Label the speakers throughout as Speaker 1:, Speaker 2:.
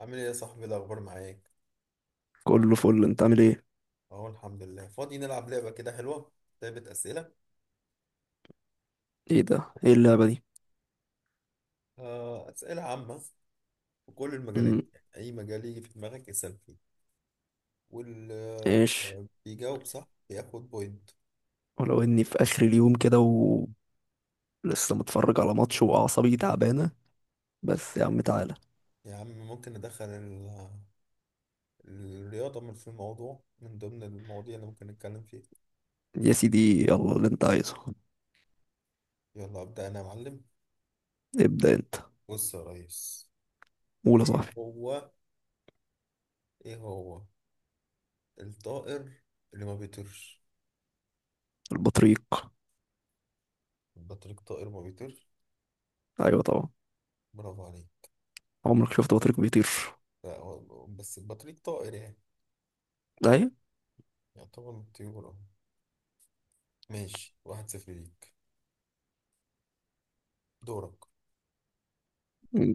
Speaker 1: عامل ايه يا صاحبي؟ إيه الاخبار معاك؟
Speaker 2: كله فل، انت عامل ايه؟
Speaker 1: اهو الحمد لله، فاضي نلعب لعبه كده حلوه. لعبه اسئله.
Speaker 2: ايه ده؟ ايه اللعبة دي؟
Speaker 1: آه، اسئله عامه في كل المجالات.
Speaker 2: امم.
Speaker 1: يعني اي مجال يجي في دماغك اسال فيه، واللي
Speaker 2: ايش؟
Speaker 1: بيجاوب صح بياخد بوينت.
Speaker 2: ولو اني في اخر اليوم كده ولسه متفرج على ماتش واعصابي تعبانة، بس يا عم تعالى.
Speaker 1: يا عم ممكن ندخل الرياضه من في الموضوع، من ضمن المواضيع اللي ممكن نتكلم فيها؟
Speaker 2: يا سيدي، يلا اللي انت عايزه.
Speaker 1: يلا ابدا انا يا معلم.
Speaker 2: ابدأ انت.
Speaker 1: بص يا ريس.
Speaker 2: قول يا
Speaker 1: إيه
Speaker 2: صاحبي.
Speaker 1: هو ايه هو الطائر اللي ما بيطيرش؟
Speaker 2: البطريق.
Speaker 1: البطريق طائر ما بيطيرش.
Speaker 2: ايوه طبعا.
Speaker 1: برافو عليك.
Speaker 2: عمرك شفت بطريق بيطير؟
Speaker 1: لا، بس البطريق طائر يعني،
Speaker 2: ايوه.
Speaker 1: يعتبر من الطيور اه. ماشي، واحد صفر ليك. دورك.
Speaker 2: مم.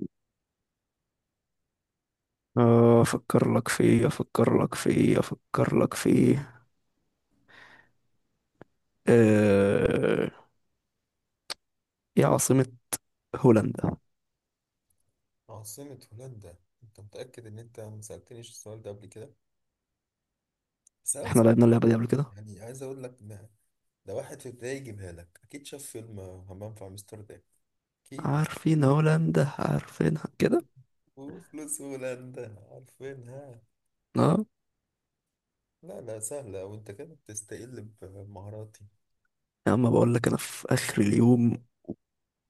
Speaker 2: افكر لك في ايه، افكر لك في ايه، افكر لك في ايه؟ آه، ايه عاصمة هولندا؟
Speaker 1: عاصمة هولندا؟ انت متأكد ان انت ما سألتنيش السؤال ده قبل كده؟ سؤال
Speaker 2: احنا
Speaker 1: سهل،
Speaker 2: لعبنا اللعبة دي قبل كده.
Speaker 1: يعني عايز اقول لك ده واحد في ابتدائي يجيبها لك اكيد، شاف فيلم همام في امستردام اكيد يعني.
Speaker 2: عارفين هولندا، عارفينها كده.
Speaker 1: وفلوس هولندا عارفينها.
Speaker 2: اه.
Speaker 1: لا، لا، سهلة وانت كده بتستقل بمهاراتي.
Speaker 2: يا عم بقول لك، انا في اخر اليوم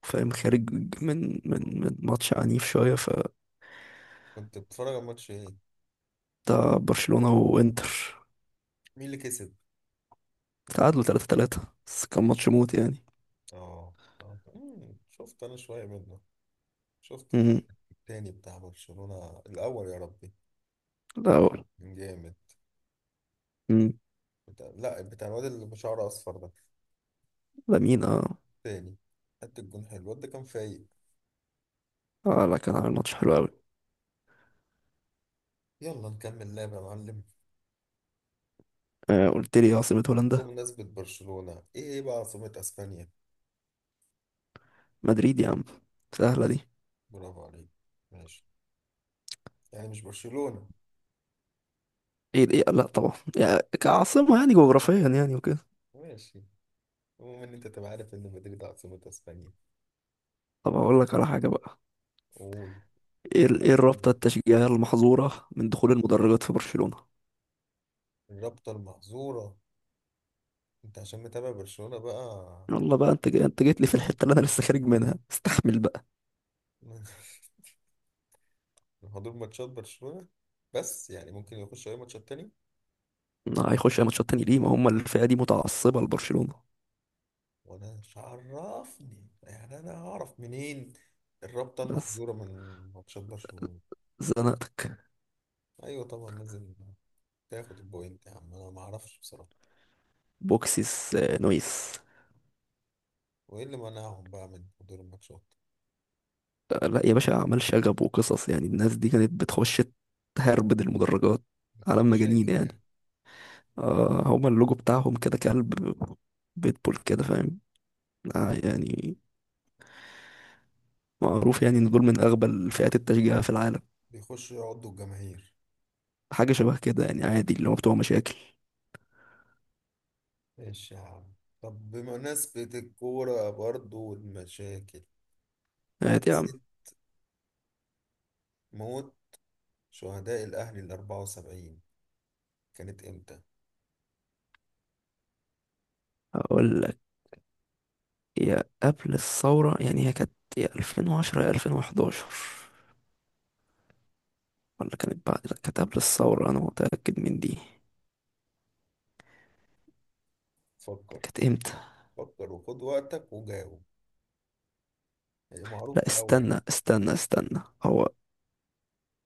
Speaker 2: فاهم، خارج من ماتش عنيف شويه، ف-
Speaker 1: كنت بتتفرج على ماتش ايه؟
Speaker 2: بتاع برشلونه وانتر.
Speaker 1: مين اللي كسب؟
Speaker 2: تعادلوا 3-3، بس كان ماتش موت يعني.
Speaker 1: اه، اه، شفت انا شوية منه. شفت الجول
Speaker 2: امم.
Speaker 1: التاني بتاع برشلونة، الأول يا ربي
Speaker 2: لا، هو-
Speaker 1: كان جامد.
Speaker 2: امم.
Speaker 1: لا، بتاع الواد اللي بشعره أصفر ده.
Speaker 2: لامين اه.
Speaker 1: التاني. حتى الجون حلو، الواد ده كان فايق.
Speaker 2: اه، لا كان عامل ماتش حلو قوي.
Speaker 1: يلا نكمل لعب يا معلم.
Speaker 2: آه، قلت لي عاصمه هولندا.
Speaker 1: بمناسبة برشلونة، إيه بقى عاصمة أسبانيا؟
Speaker 2: مدريد يا عم، سهله دي.
Speaker 1: برافو عليك. ماشي، يعني مش برشلونة.
Speaker 2: ايه ايه، لا طبعا يعني كعاصمه، يعني جغرافيا يعني وكده.
Speaker 1: ماشي، المهم إن أنت تبقى عارف إن مدريد عاصمة أسبانيا.
Speaker 2: طب، اقول لك على حاجه بقى.
Speaker 1: قول كده بقى.
Speaker 2: ايه الرابطه التشجيعيه المحظوره من دخول المدرجات في برشلونه؟
Speaker 1: الرابطة المحظورة؟ أنت عشان متابع برشلونة بقى
Speaker 2: يلا بقى، انت جيت لي في
Speaker 1: عرفت.
Speaker 2: الحته اللي انا لسه خارج منها، استحمل بقى.
Speaker 1: حضور ماتشات برشلونة، بس يعني ممكن يخش أي ماتشات تاني.
Speaker 2: هيخش أي ماتشات تاني ليه؟ ما هم الفئة دي متعصبة لبرشلونة.
Speaker 1: وأنا مش عرفني يعني، أنا هعرف منين الرابطة
Speaker 2: بس،
Speaker 1: المحظورة من ماتشات برشلونة؟
Speaker 2: زنقتك.
Speaker 1: أيوة طبعا، لازم تاخد البوينت يا عم، أنا معرفش بصراحة.
Speaker 2: بوكسيس نويس.
Speaker 1: وإيه اللي منعهم بقى من حضور الماتشات؟
Speaker 2: لا يا باشا، أعمال شغب وقصص يعني، الناس دي كانت بتخش تهربد المدرجات على
Speaker 1: بتوع
Speaker 2: مجانين
Speaker 1: مشاكل
Speaker 2: يعني.
Speaker 1: يعني؟
Speaker 2: هما اللوجو بتاعهم كده كلب بيتبول كده، فاهم. آه يعني معروف يعني إن دول من أغبى الفئات التشجيع في العالم.
Speaker 1: بيخشوا يقعدوا الجماهير؟
Speaker 2: حاجة شبه كده يعني، عادي اللي هو بتوع مشاكل.
Speaker 1: إيش يا عم. طب بمناسبة الكورة برضو والمشاكل،
Speaker 2: عادي يا عم.
Speaker 1: حادثة موت شهداء الأهلي الأربعة وسبعين كانت إمتى؟
Speaker 2: أقول لك، يا قبل الثورة يعني، هي كانت يا 2010 يا 2011، ولا كانت بعد، لا كانت قبل الثورة، أنا متأكد من دي.
Speaker 1: فكر،
Speaker 2: كانت إمتى؟
Speaker 1: فكر وخد وقتك وجاوب. هي
Speaker 2: لا،
Speaker 1: معروفة أوي يعني.
Speaker 2: استنى استنى استنى، هو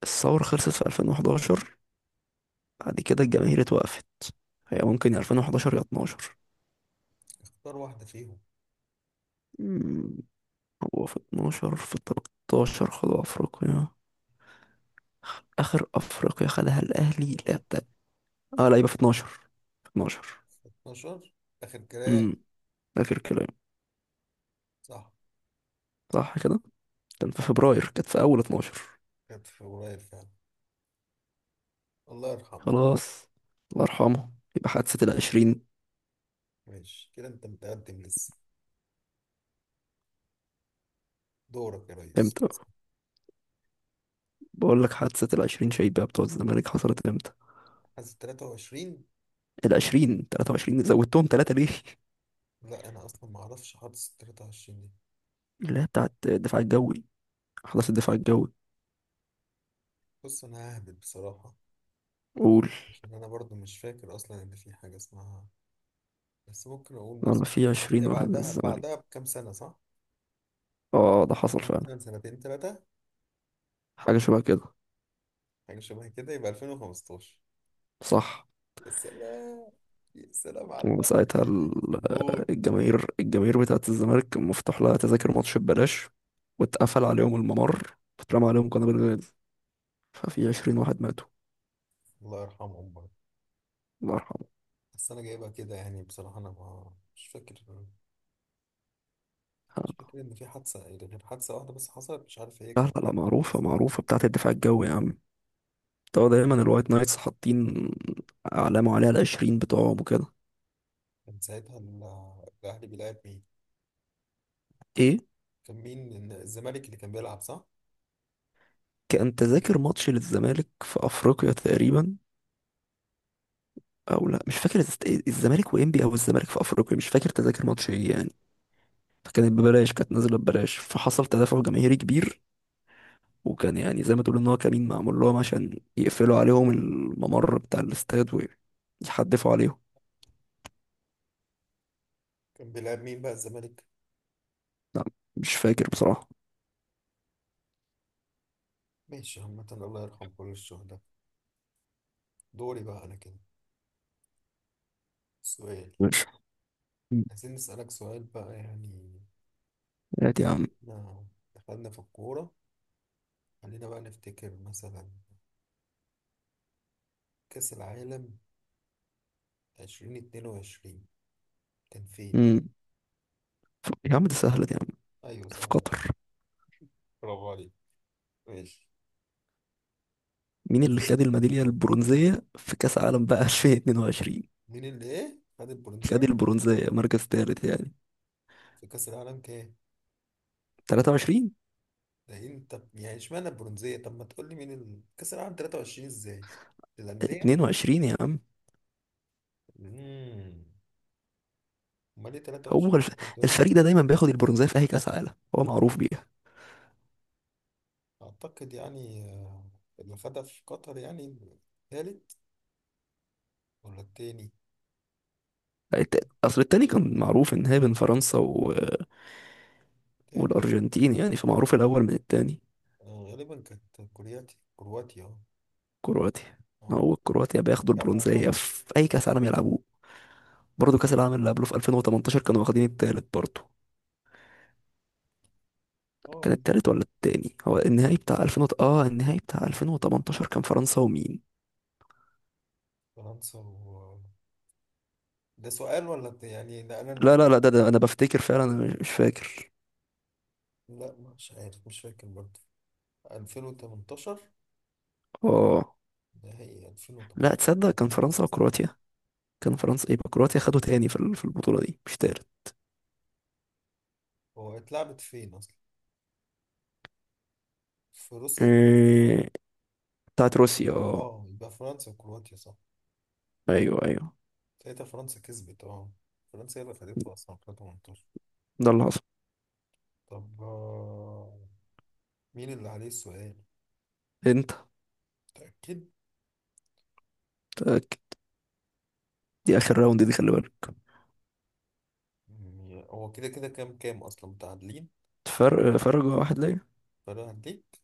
Speaker 2: الثورة خلصت في 2011، بعد كده الجماهير اتوقفت. هي ممكن يا 2011 يا 12.
Speaker 1: اختار واحدة فيهم.
Speaker 2: مم، هو في 12، في 13 خدوا أفريقيا، آخر أفريقيا خدها الأهلي، لا ده. آه، لا يبقى في 12. في 12.
Speaker 1: 12 آخر كلام؟
Speaker 2: امم. آخر كلام.
Speaker 1: صح.
Speaker 2: صح كده. كان في فبراير، كانت في أول 12.
Speaker 1: كانت في قريب فعلا، الله يرحمه.
Speaker 2: خلاص. الله يرحمه. يبقى حادثة العشرين.
Speaker 1: ماشي كده، أنت متقدم لسه. دورك يا ريس
Speaker 2: امتى؟
Speaker 1: بس.
Speaker 2: بقول لك، حادثة العشرين شيبة بتوع الزمالك حصلت امتى؟
Speaker 1: حاسس 23.
Speaker 2: العشرين، تلاتة وعشرين؟ زودتهم تلاتة ليه؟
Speaker 1: لا، أنا أصلا معرفش حاسس 23 دي.
Speaker 2: اللي هي بتاعت الدفاع الجوي، حدث الدفاع الجوي.
Speaker 1: بص، أنا ههبط بصراحة،
Speaker 2: قول.
Speaker 1: عشان أنا برضو مش فاكر أصلا إن في حاجة اسمها. بس ممكن أقول بس،
Speaker 2: لما في عشرين
Speaker 1: هي
Speaker 2: واحد من
Speaker 1: بعدها
Speaker 2: الزمالك.
Speaker 1: بعدها بكام سنة صح؟
Speaker 2: اه، ده حصل فعلا.
Speaker 1: مثلا سنتين تلاتة.
Speaker 2: حاجة شبه كده.
Speaker 1: حاجة شبه كده، يبقى 2015.
Speaker 2: صح.
Speaker 1: يا سلام، يا سلام على الهبل.
Speaker 2: وساعتها
Speaker 1: اللي بيجي في الجول.
Speaker 2: الجماهير بتاعت الزمالك مفتوح لها تذاكر ماتش ببلاش، واتقفل عليهم الممر، واترمى عليهم قنابل غاز. ففي عشرين واحد ماتوا.
Speaker 1: الله يرحمه والله.
Speaker 2: الله يرحمه.
Speaker 1: بس انا جايبها كده يعني، بصراحه انا ما مش فاكر. مش فاكر ان في حادثه غير حادثه واحده بس حصلت. مش عارف هي
Speaker 2: لا
Speaker 1: كان
Speaker 2: لا لا،
Speaker 1: كام واحد
Speaker 2: معروفة
Speaker 1: اصلا اللي كان.
Speaker 2: معروفة بتاعت الدفاع الجوي يا عم. طبعا دايما الوايت نايتس حاطين علامة عليها، العشرين بتوعهم وكده.
Speaker 1: كان ساعتها الاهلي بيلعب مين؟
Speaker 2: ايه؟
Speaker 1: كان مين الزمالك اللي كان بيلعب صح؟
Speaker 2: كان تذاكر ماتش للزمالك في افريقيا تقريبا، او لا مش فاكر الز-، الزمالك وانبي او الزمالك في افريقيا، مش فاكر تذاكر ماتش ايه يعني. فكانت ببلاش، كانت نازلة ببلاش، فحصل تدافع جماهيري كبير. وكان يعني زي ما تقول ان هو كمين معمول لهم، عشان يقفلوا عليهم الممر بتاع الاستاد ويحدفوا عليهم.
Speaker 1: كان بيلعب مين بقى الزمالك؟
Speaker 2: لا. مش فاكر بصراحة.
Speaker 1: ماشي عامه، الله يرحم كل الشهداء. دوري بقى انا كده، سؤال.
Speaker 2: مش-
Speaker 1: عايزين نسالك سؤال بقى يعني.
Speaker 2: هات يا عم.
Speaker 1: احنا دخلنا في الكوره، خلينا بقى نفتكر مثلا، كأس العالم 2022 كان فين؟
Speaker 2: مم. يا عم دي سهلة دي يا عم.
Speaker 1: أيوة
Speaker 2: في
Speaker 1: سهلة.
Speaker 2: قطر.
Speaker 1: برافو عليك. ماشي.
Speaker 2: مين
Speaker 1: لا
Speaker 2: اللي
Speaker 1: زلت
Speaker 2: خد الميدالية
Speaker 1: متقدم.
Speaker 2: البرونزية في كأس عالم بقى 2022؟
Speaker 1: مين اللي إيه؟ خد
Speaker 2: خد
Speaker 1: البرونزية
Speaker 2: البرونزية، مركز ثالث يعني.
Speaker 1: في كأس العالم كام؟
Speaker 2: 23.
Speaker 1: ده أنت يعني، إشمعنى البرونزية؟ طب ما تقول لي مين كأس العالم 23 إزاي؟ الأندية؟
Speaker 2: 22 يا عم.
Speaker 1: امم أمال إيه
Speaker 2: هو
Speaker 1: 23 دول؟
Speaker 2: الفريق ده دايما بياخد البرونزية في أي كأس عالم، هو معروف بيها.
Speaker 1: أعتقد يعني اللي خدها في قطر يعني، التالت ولا التاني؟
Speaker 2: أصل التاني كان معروف إن هي بين فرنسا
Speaker 1: تالت.
Speaker 2: والأرجنتين يعني، فمعروف الأول من التاني.
Speaker 1: غالبا كانت كرواتيا. كرواتيا، أه.
Speaker 2: كرواتيا.
Speaker 1: أه.
Speaker 2: هو كرواتيا بياخدوا
Speaker 1: جمع
Speaker 2: البرونزية
Speaker 1: المغرب.
Speaker 2: في أي كأس عالم يلعبوه. برضه كأس العالم اللي قبله في 2018 كانوا واخدين التالت برضه.
Speaker 1: أه
Speaker 2: كان
Speaker 1: هي.
Speaker 2: التالت ولا التاني؟ هو النهائي بتاع 2000 وت- اه النهائي بتاع 2018 كان فرنسا ومين؟
Speaker 1: فرنسا ده سؤال ولا يعني ده انا
Speaker 2: لا
Speaker 1: المفروض؟
Speaker 2: لا لا، ده انا بفتكر فعلا، انا مش فاكر.
Speaker 1: لا، مش عارف، مش فاكر برضه. 2018.
Speaker 2: اه،
Speaker 1: نهائي
Speaker 2: لا
Speaker 1: 2018؟
Speaker 2: تصدق كان
Speaker 1: فرنسا
Speaker 2: فرنسا
Speaker 1: اصلا.
Speaker 2: وكرواتيا. كان فرنسا، يبقى كرواتيا خدوا تاني في البطولة دي، مش تالت.
Speaker 1: هو اتلعبت فين اصلا؟ في روسيا.
Speaker 2: إيه، بتاعت روسيا اه.
Speaker 1: اه، يبقى فرنسا وكرواتيا صح.
Speaker 2: ايوه ايوه.
Speaker 1: ساعتها فرنسا كسبت اه. فرنسا هي اللي خدتها اصلا 2018.
Speaker 2: ده اللي حصل.
Speaker 1: طب مين اللي عليه السؤال؟
Speaker 2: انت.
Speaker 1: متأكد؟
Speaker 2: متأكد. دي اخر راوند دي، خلي بالك.
Speaker 1: هو كده كده، كام اصلا متعادلين؟
Speaker 2: فرق واحد ليا.
Speaker 1: فانا هديك،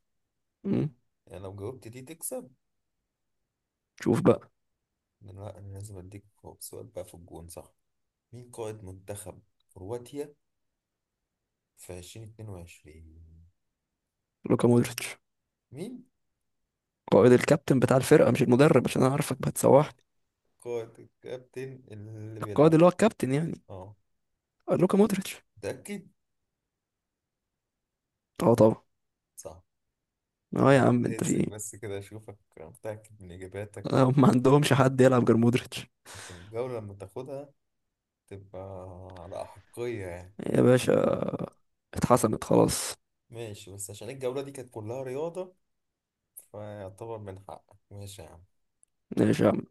Speaker 2: مم.
Speaker 1: يعني لو جاوبت دي تكسب.
Speaker 2: شوف بقى.
Speaker 1: لا، انا لازم اديك سؤال بقى في الجون صح. مين قائد منتخب كرواتيا في 2022؟
Speaker 2: لوكا مودريتش.
Speaker 1: مين
Speaker 2: قائد الكابتن بتاع الفرقة، مش المدرب، عشان انا عارفك هتسوحني.
Speaker 1: قائد الكابتن اللي
Speaker 2: القائد
Speaker 1: بيلعب؟
Speaker 2: اللي هو الكابتن يعني.
Speaker 1: اه.
Speaker 2: لوكا مودريتش.
Speaker 1: متأكد؟
Speaker 2: اه طبعا.
Speaker 1: صح.
Speaker 2: اه يا عم، انت في
Speaker 1: هزك
Speaker 2: ايه؟
Speaker 1: بس كده اشوفك متأكد من اجاباتك،
Speaker 2: هم ما عندهمش حد يلعب غير مودريتش.
Speaker 1: عشان الجولة لما تاخدها تبقى على أحقية يعني.
Speaker 2: يا باشا، اتحسمت خلاص.
Speaker 1: ماشي، بس عشان الجولة دي كانت كلها رياضة فيعتبر من حقك. ماشي يا عم.
Speaker 2: ماشي يا عم.